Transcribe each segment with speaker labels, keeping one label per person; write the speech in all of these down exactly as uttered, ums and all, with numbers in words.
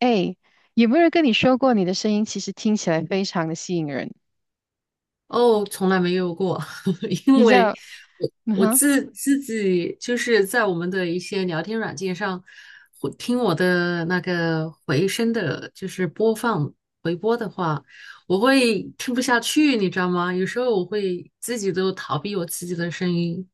Speaker 1: 哎，有没有人跟你说过你的声音其实听起来非常的吸引人？
Speaker 2: 哦，从来没有过，因
Speaker 1: 你知
Speaker 2: 为
Speaker 1: 道，
Speaker 2: 我
Speaker 1: 嗯
Speaker 2: 我
Speaker 1: 哼。
Speaker 2: 自自己就是在我们的一些聊天软件上，会听我的那个回声的，就是播放回播的话，我会听不下去，你知道吗？有时候我会自己都逃避我自己的声音，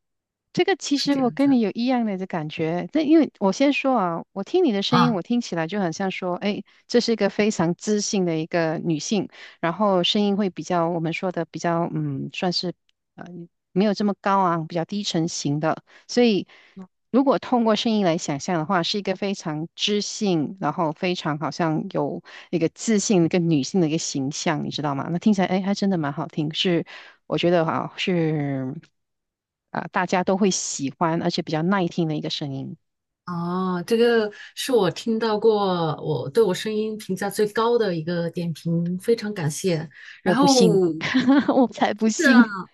Speaker 1: 这个其
Speaker 2: 是
Speaker 1: 实
Speaker 2: 这
Speaker 1: 我
Speaker 2: 样
Speaker 1: 跟
Speaker 2: 子
Speaker 1: 你有一样的感觉，但因为我先说啊，我听你的声音，
Speaker 2: 啊。
Speaker 1: 我听起来就很像说，哎，这是一个非常知性的一个女性，然后声音会比较我们说的比较，嗯，算是呃没有这么高昂，比较低沉型的，所以如果通过声音来想象的话，是一个非常知性，然后非常好像有一个自信、一个女性的一个形象，你知道吗？那听起来，哎，还真的蛮好听，是我觉得哈、是啊、大家都会喜欢，而且比较耐听的一个声音。
Speaker 2: 哦，这个是我听到过我对我声音评价最高的一个点评，非常感谢。
Speaker 1: 我
Speaker 2: 然
Speaker 1: 不
Speaker 2: 后。
Speaker 1: 信，我才不
Speaker 2: 真
Speaker 1: 信。
Speaker 2: 的，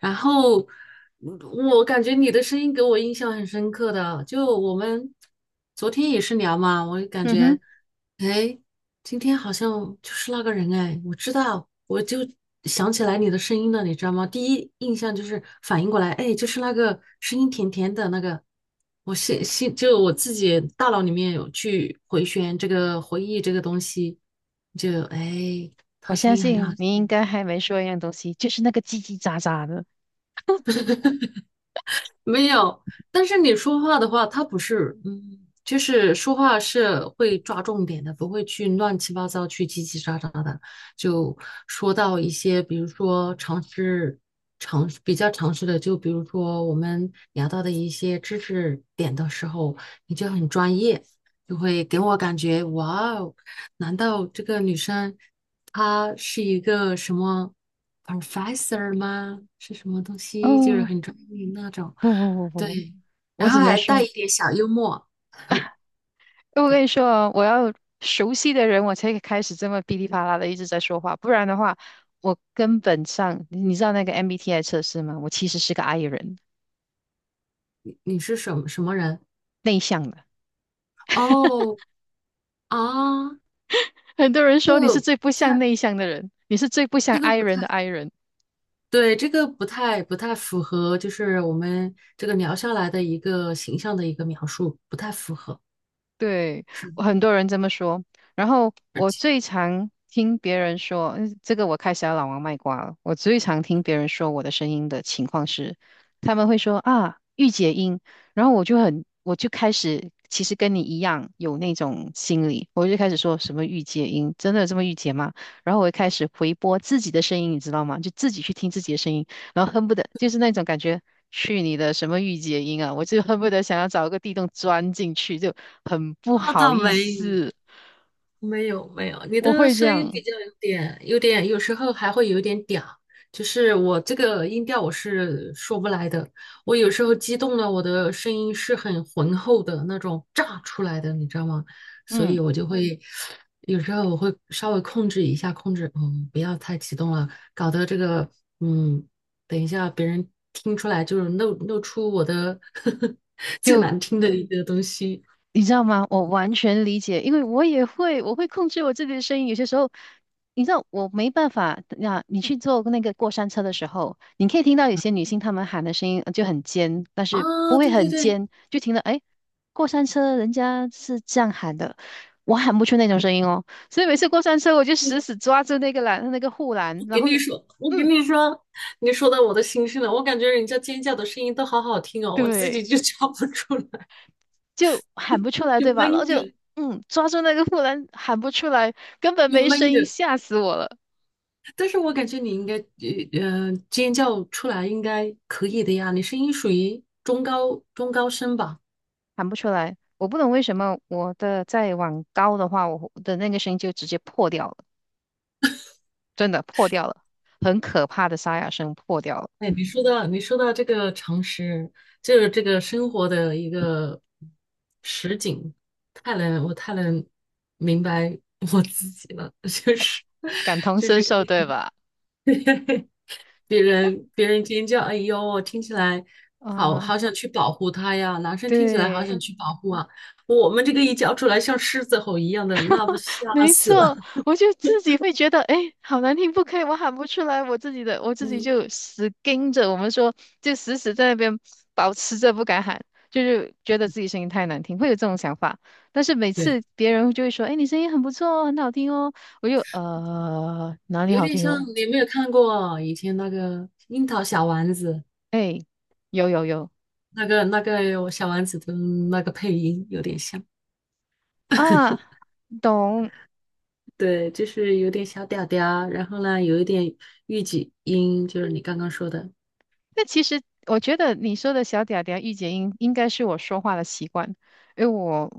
Speaker 2: 然后嗯我感觉你的声音给我印象很深刻的，就我们昨天也是聊嘛，我感
Speaker 1: 嗯
Speaker 2: 觉，
Speaker 1: 哼，
Speaker 2: 哎，今天好像就是那个人哎，我知道，我就想起来你的声音了，你知道吗？第一印象就是反应过来，哎，就是那个声音甜甜的那个，我心心就我自己大脑里面有去回旋这个回忆这个东西，就哎，
Speaker 1: 我
Speaker 2: 他声
Speaker 1: 相
Speaker 2: 音很好
Speaker 1: 信
Speaker 2: 听
Speaker 1: 你应
Speaker 2: 的。
Speaker 1: 该还没说一样东西，就是那个叽叽喳喳的。
Speaker 2: 没有，但是你说话的话，他不是，嗯，就是说话是会抓重点的，不会去乱七八糟、去叽叽喳喳的，就说到一些，比如说常识、常比较常识的，就比如说我们聊到的一些知识点的时候，你就很专业，就会给我感觉，哇哦，难道这个女生？他是一个什么 professor 吗？是什么东西？就是
Speaker 1: 哦，
Speaker 2: 很专业那种，
Speaker 1: 不不不不，不，
Speaker 2: 对，
Speaker 1: 我
Speaker 2: 然后
Speaker 1: 只能
Speaker 2: 还带
Speaker 1: 说，
Speaker 2: 一点小幽默。
Speaker 1: 我跟
Speaker 2: 对，
Speaker 1: 你说哦，我要熟悉的人，我才开始这么噼里啪啦的一直在说话，不然的话，我根本上，你知道那个 M B T I 测试吗？我其实是个 I 人，
Speaker 2: 你你是什么什么人？
Speaker 1: 内向的。
Speaker 2: 哦啊，
Speaker 1: 很多人
Speaker 2: 这
Speaker 1: 说你
Speaker 2: 个
Speaker 1: 是
Speaker 2: 不
Speaker 1: 最不像
Speaker 2: 太，
Speaker 1: 内向的人，你是最不像
Speaker 2: 这个
Speaker 1: I
Speaker 2: 不
Speaker 1: 人
Speaker 2: 太，
Speaker 1: 的 I 人。
Speaker 2: 对，这个不太不太符合，就是我们这个聊下来的一个形象的一个描述，不太符合。
Speaker 1: 对，
Speaker 2: 是
Speaker 1: 我
Speaker 2: 的，
Speaker 1: 很多人这么说。然后
Speaker 2: 而
Speaker 1: 我
Speaker 2: 且
Speaker 1: 最常听别人说，嗯这个我开始要老王卖瓜了。我最常听别人说我的声音的情况是，他们会说啊，御姐音。然后我就很，我就开始，其实跟你一样有那种心理，我就开始说什么御姐音，真的有这么御姐吗？然后我就开始回播自己的声音，你知道吗？就自己去听自己的声音。然后恨不得就是那种感觉，去你的什么御姐音啊！我就恨不得想要找一个地洞钻进去，就很不
Speaker 2: 啊，
Speaker 1: 好
Speaker 2: 倒
Speaker 1: 意
Speaker 2: 没。有。
Speaker 1: 思，
Speaker 2: 没有没有，你
Speaker 1: 我
Speaker 2: 的
Speaker 1: 会这
Speaker 2: 声音
Speaker 1: 样，
Speaker 2: 比较有点有点，有时候还会有点嗲，就是我这个音调我是说不来的。我有时候激动了，我的声音是很浑厚的那种炸出来的，你知道吗？所
Speaker 1: 嗯。
Speaker 2: 以我就会有时候我会稍微控制一下，控制，嗯，不要太激动了，搞得这个，嗯，等一下别人听出来就是露露出我的 最难听的一个东西。
Speaker 1: 你知道吗？我完全理解，因为我也会，我会控制我自己的声音。有些时候，你知道我没办法。那你去坐那个过山车的时候，你可以听到有些女性她们喊的声音呃就很尖，但是不
Speaker 2: 啊，
Speaker 1: 会
Speaker 2: 对对
Speaker 1: 很
Speaker 2: 对。
Speaker 1: 尖，就听到哎，过山车人家是这样喊的，我喊不出那种声音哦。所以每次过山车，我就死
Speaker 2: 对
Speaker 1: 死抓住那个栏，那个护栏，然
Speaker 2: 给
Speaker 1: 后就
Speaker 2: 你说，我跟
Speaker 1: 嗯，
Speaker 2: 你说，你说到我的心声了。我感觉人家尖叫的声音都好好听哦，我自
Speaker 1: 对，
Speaker 2: 己就 叫不出来，
Speaker 1: 就喊不出来，
Speaker 2: 就
Speaker 1: 对吧？然后
Speaker 2: 闷
Speaker 1: 就
Speaker 2: 着，
Speaker 1: 嗯，抓住那个护栏喊不出来，根本
Speaker 2: 就
Speaker 1: 没
Speaker 2: 闷
Speaker 1: 声音，
Speaker 2: 着。
Speaker 1: 吓死我了。
Speaker 2: 但是我感觉你应该，呃，呃尖叫出来应该可以的呀。你声音属于中高中高声吧？
Speaker 1: 喊不出来。我不懂为什么我的再往高的话，我的那个声音就直接破掉了，真的破掉了，很可怕的沙哑声破掉了，
Speaker 2: 哎，你说到你说到这个常识，就是这个生活的一个实景，太能我太能明白我自己了，就是
Speaker 1: 感 同
Speaker 2: 就
Speaker 1: 身
Speaker 2: 是。
Speaker 1: 受，对吧？
Speaker 2: 别人别人尖叫，哎呦，听起来好
Speaker 1: 啊，
Speaker 2: 好想去保护他呀！男生听起来好想
Speaker 1: 对，
Speaker 2: 去保护啊，我们这个一叫出来像狮子吼一样的，那不 吓
Speaker 1: 没
Speaker 2: 死了。
Speaker 1: 错，我就自己会觉得，哎，好难听，不可以，我喊不出来，我自己的，我 自己
Speaker 2: 嗯，
Speaker 1: 就死盯着，我们说，就死死在那边保持着不敢喊，就是觉得自己声音太难听，会有这种想法。但是每
Speaker 2: 对，
Speaker 1: 次别人就会说，哎，你声音很不错哦，很好听哦，我就呃哪里
Speaker 2: 有
Speaker 1: 好
Speaker 2: 点
Speaker 1: 听
Speaker 2: 像
Speaker 1: 了？
Speaker 2: 你有没有看过以前那个《樱桃小丸子》
Speaker 1: 哎，有有有
Speaker 2: 那个那个有小丸子的那个配音有点像，
Speaker 1: 啊，懂，
Speaker 2: 对，就是有点小嗲嗲，然后呢有一点御姐音，就是你刚刚说的，
Speaker 1: 那其实我觉得你说的小嗲嗲、御姐音，应该是我说话的习惯，因为我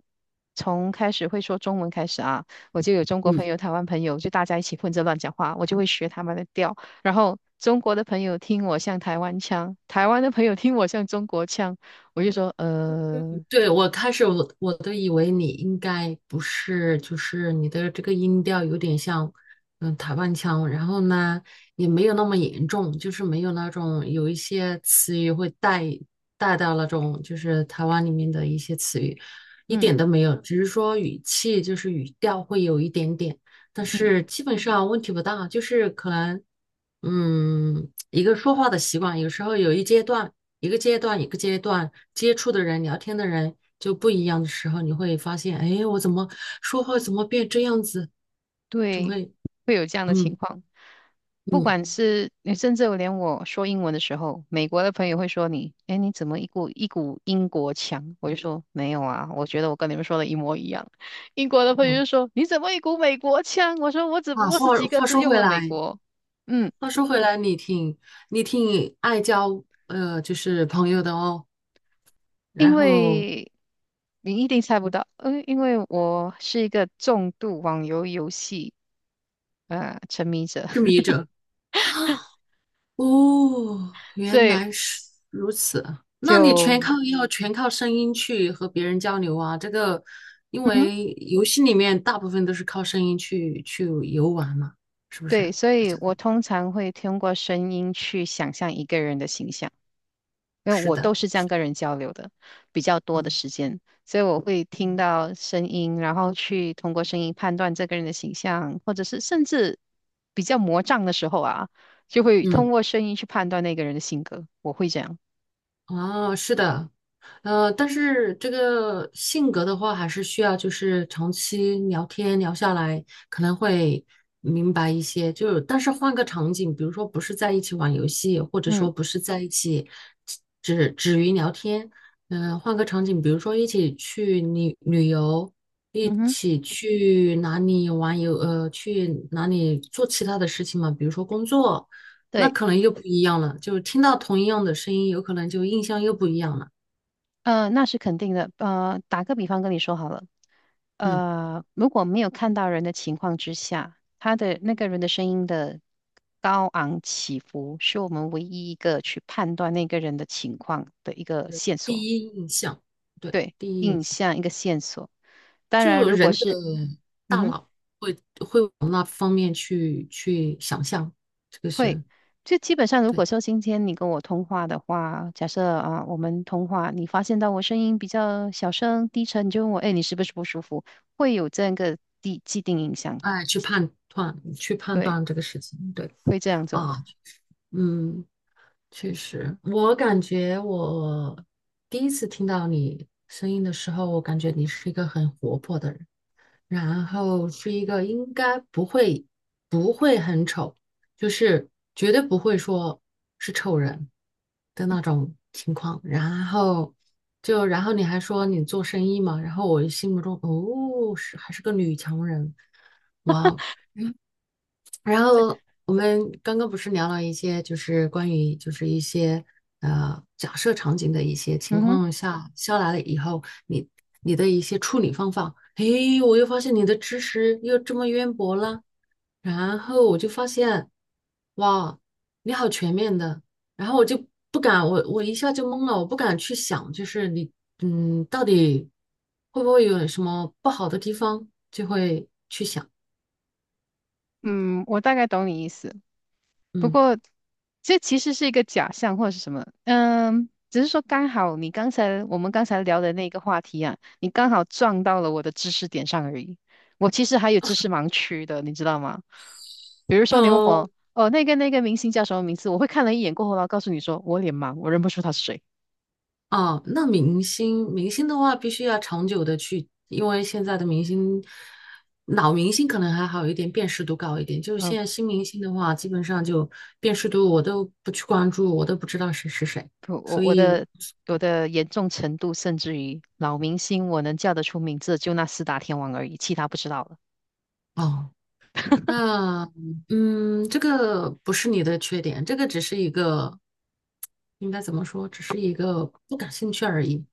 Speaker 1: 从开始会说中文开始啊，我就有中国朋
Speaker 2: 嗯。
Speaker 1: 友、台湾朋友，就大家一起混着乱讲话，我就会学他们的调。然后中国的朋友听我像台湾腔，台湾的朋友听我像中国腔，我就说呃，
Speaker 2: 对，我开始我我都以为你应该不是，就是你的这个音调有点像，嗯，台湾腔，然后呢也没有那么严重，就是没有那种有一些词语会带带到那种就是台湾里面的一些词语，一
Speaker 1: 嗯
Speaker 2: 点都没有，只是说语气就是语调会有一点点，但
Speaker 1: 嗯
Speaker 2: 是基本上问题不大，就是可能嗯一个说话的习惯，有时候有一阶段。一个阶段一个阶段接触的人、聊天的人就不一样的时候，你会发现，哎，我怎么说话怎么变这样子？就
Speaker 1: 对，
Speaker 2: 会，
Speaker 1: 会有这样的情
Speaker 2: 嗯
Speaker 1: 况。不
Speaker 2: 嗯
Speaker 1: 管是你，甚至我连我说英文的时候，美国的朋友会说你，哎，你怎么一股一股英国腔？我就说没有啊，我觉得我跟你们说的一模一样。英国的朋友
Speaker 2: 嗯。
Speaker 1: 就说你怎么一股美国腔？我说我只不
Speaker 2: 啊，
Speaker 1: 过是
Speaker 2: 话
Speaker 1: 几个
Speaker 2: 话
Speaker 1: 字
Speaker 2: 说
Speaker 1: 用
Speaker 2: 回
Speaker 1: 了美
Speaker 2: 来，
Speaker 1: 国，嗯，
Speaker 2: 话说回来，你挺你挺爱交呃，就是朋友的哦，
Speaker 1: 因
Speaker 2: 然后
Speaker 1: 为你一定猜不到，嗯，因为我是一个重度网游游戏呃沉迷者，
Speaker 2: 痴迷 者。哦，
Speaker 1: 所
Speaker 2: 原
Speaker 1: 以
Speaker 2: 来是如此。那你全
Speaker 1: 就。
Speaker 2: 靠要全靠声音去和别人交流啊？这个，因
Speaker 1: 嗯哼。
Speaker 2: 为游戏里面大部分都是靠声音去去游玩嘛，是不是？
Speaker 1: 对，所
Speaker 2: 好
Speaker 1: 以
Speaker 2: 像
Speaker 1: 我通常会通过声音去想象一个人的形象，因为
Speaker 2: 是
Speaker 1: 我
Speaker 2: 的，
Speaker 1: 都是这样跟人交流的，比较多的
Speaker 2: 嗯
Speaker 1: 时间，所以我会听到声音，然后去通过声音判断这个人的形象，或者是甚至比较魔障的时候啊，就会通
Speaker 2: 嗯。
Speaker 1: 过声音去判断那个人的性格，我会这样。
Speaker 2: 哦，是的，呃，但是这个性格的话，还是需要就是长期聊天聊下来，可能会明白一些。就但是换个场景，比如说不是在一起玩游戏，或者
Speaker 1: 嗯
Speaker 2: 说不是在一起只止于聊天，嗯、换个场景，比如说一起去旅旅游，一
Speaker 1: 嗯哼，
Speaker 2: 起去哪里玩游，呃，去哪里做其他的事情嘛，比如说工作。那
Speaker 1: 对。
Speaker 2: 可能又不一样了，就听到同一样的声音，有可能就印象又不一样了。
Speaker 1: 呃，那是肯定的。呃，打个比方跟你说好了，
Speaker 2: 嗯，
Speaker 1: 呃，如果没有看到人的情况之下，他的那个人的声音的高昂起伏，是我们唯一一个去判断那个人的情况的一个线索，
Speaker 2: 第一印象，对，
Speaker 1: 对，
Speaker 2: 第一印
Speaker 1: 印
Speaker 2: 象，
Speaker 1: 象一个线索。当然，
Speaker 2: 就
Speaker 1: 如果
Speaker 2: 人的
Speaker 1: 是，嗯
Speaker 2: 大
Speaker 1: 哼。
Speaker 2: 脑会会往那方面去去想象，这个
Speaker 1: 会，
Speaker 2: 是
Speaker 1: 就基本上，如
Speaker 2: 对，
Speaker 1: 果说今天你跟我通话的话，假设啊，我们通话，你发现到我声音比较小声、低沉，你就问我，哎，你是不是不舒服？会有这样一个既既定印象，
Speaker 2: 哎，去判断去判
Speaker 1: 对，
Speaker 2: 断这个事情，对
Speaker 1: 会这样做。
Speaker 2: 啊，嗯，确实，我感觉我第一次听到你声音的时候，我感觉你是一个很活泼的人。然后是一个应该不会不会很丑，就是绝对不会说是丑人的那种情况。然后就然后你还说你做生意嘛，然后我心目中哦是还是个女强人，哇哦！然后我们刚刚不是聊了一些，就是关于就是一些呃假设场景的一些情
Speaker 1: 嗯哼，
Speaker 2: 况下下来了以后，你你的一些处理方法，诶，我又发现你的知识又这么渊博了，然后我就发现，哇，你好全面的，然后我就不敢，我我一下就懵了，我不敢去想，就是你嗯到底会不会有什么不好的地方，就会
Speaker 1: 嗯，我大概懂你意思。不
Speaker 2: 嗯。
Speaker 1: 过这其实是一个假象或者是什么，嗯，只是说刚好你刚才我们刚才聊的那个话题啊，你刚好撞到了我的知识点上而已。我其实还有知识盲区的，你知道吗？比如说你问
Speaker 2: 哦。
Speaker 1: 我，哦，那个那个明星叫什么名字？我会看了一眼过后，然后告诉你说我脸盲，我认不出他是谁。
Speaker 2: 哦，那明星明星的话，必须要长久的去，因为现在的明星，老明星可能还好一点，辨识度高一点。就是
Speaker 1: 嗯，
Speaker 2: 现在新明星的话，基本上就辨识度我都不去关注，我都不知道谁是谁。
Speaker 1: 不，我
Speaker 2: 所
Speaker 1: 我
Speaker 2: 以，
Speaker 1: 的我的严重程度，甚至于老明星我能叫得出名字，就那四大天王而已，其他不知道了。
Speaker 2: 哦，那嗯，这个不是你的缺点，这个只是一个，应该怎么说，只是一个不感兴趣而已。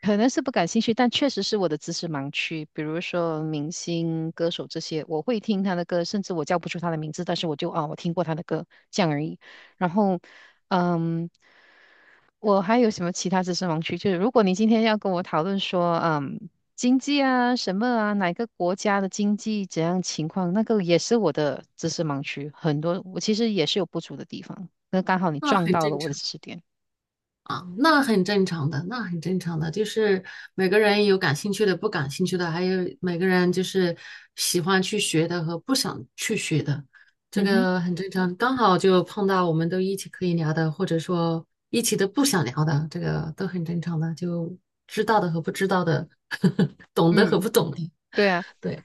Speaker 1: 可能是不感兴趣，但确实是我的知识盲区。比如说明星、歌手这些，我会听他的歌，甚至我叫不出他的名字，但是我就啊，我听过他的歌，这样而已。然后，嗯，我还有什么其他知识盲区？就是如果你今天要跟我讨论说，嗯，经济啊，什么啊，哪个国家的经济怎样情况，那个也是我的知识盲区，很多我其实也是有不足的地方。那刚好你
Speaker 2: 那
Speaker 1: 撞
Speaker 2: 很
Speaker 1: 到了
Speaker 2: 正
Speaker 1: 我的
Speaker 2: 常。
Speaker 1: 知识点。
Speaker 2: 啊，那很正常的，那很正常的，就是每个人有感兴趣的，不感兴趣的，还有每个人就是喜欢去学的和不想去学的，这
Speaker 1: 嗯哼，
Speaker 2: 个很正常。刚好就碰到我们都一起可以聊的，或者说一起都不想聊的，这个都很正常的，就知道的和不知道的，懂的和
Speaker 1: 嗯，
Speaker 2: 不懂的，
Speaker 1: 对啊。
Speaker 2: 对，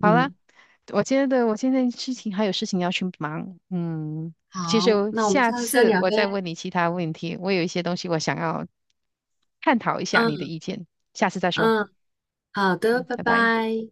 Speaker 1: 好啦，
Speaker 2: 嗯，
Speaker 1: 我觉得我现在事情还有事情要去忙，嗯，其实
Speaker 2: 好，
Speaker 1: 我
Speaker 2: 那我们
Speaker 1: 下
Speaker 2: 下次再
Speaker 1: 次
Speaker 2: 聊
Speaker 1: 我再
Speaker 2: 呗，
Speaker 1: 问你其他问题，我有一些东西我想要探讨一下你的
Speaker 2: 嗯
Speaker 1: 意见，下次再说，
Speaker 2: 嗯，好的，
Speaker 1: 嗯，
Speaker 2: 拜
Speaker 1: 拜拜。
Speaker 2: 拜。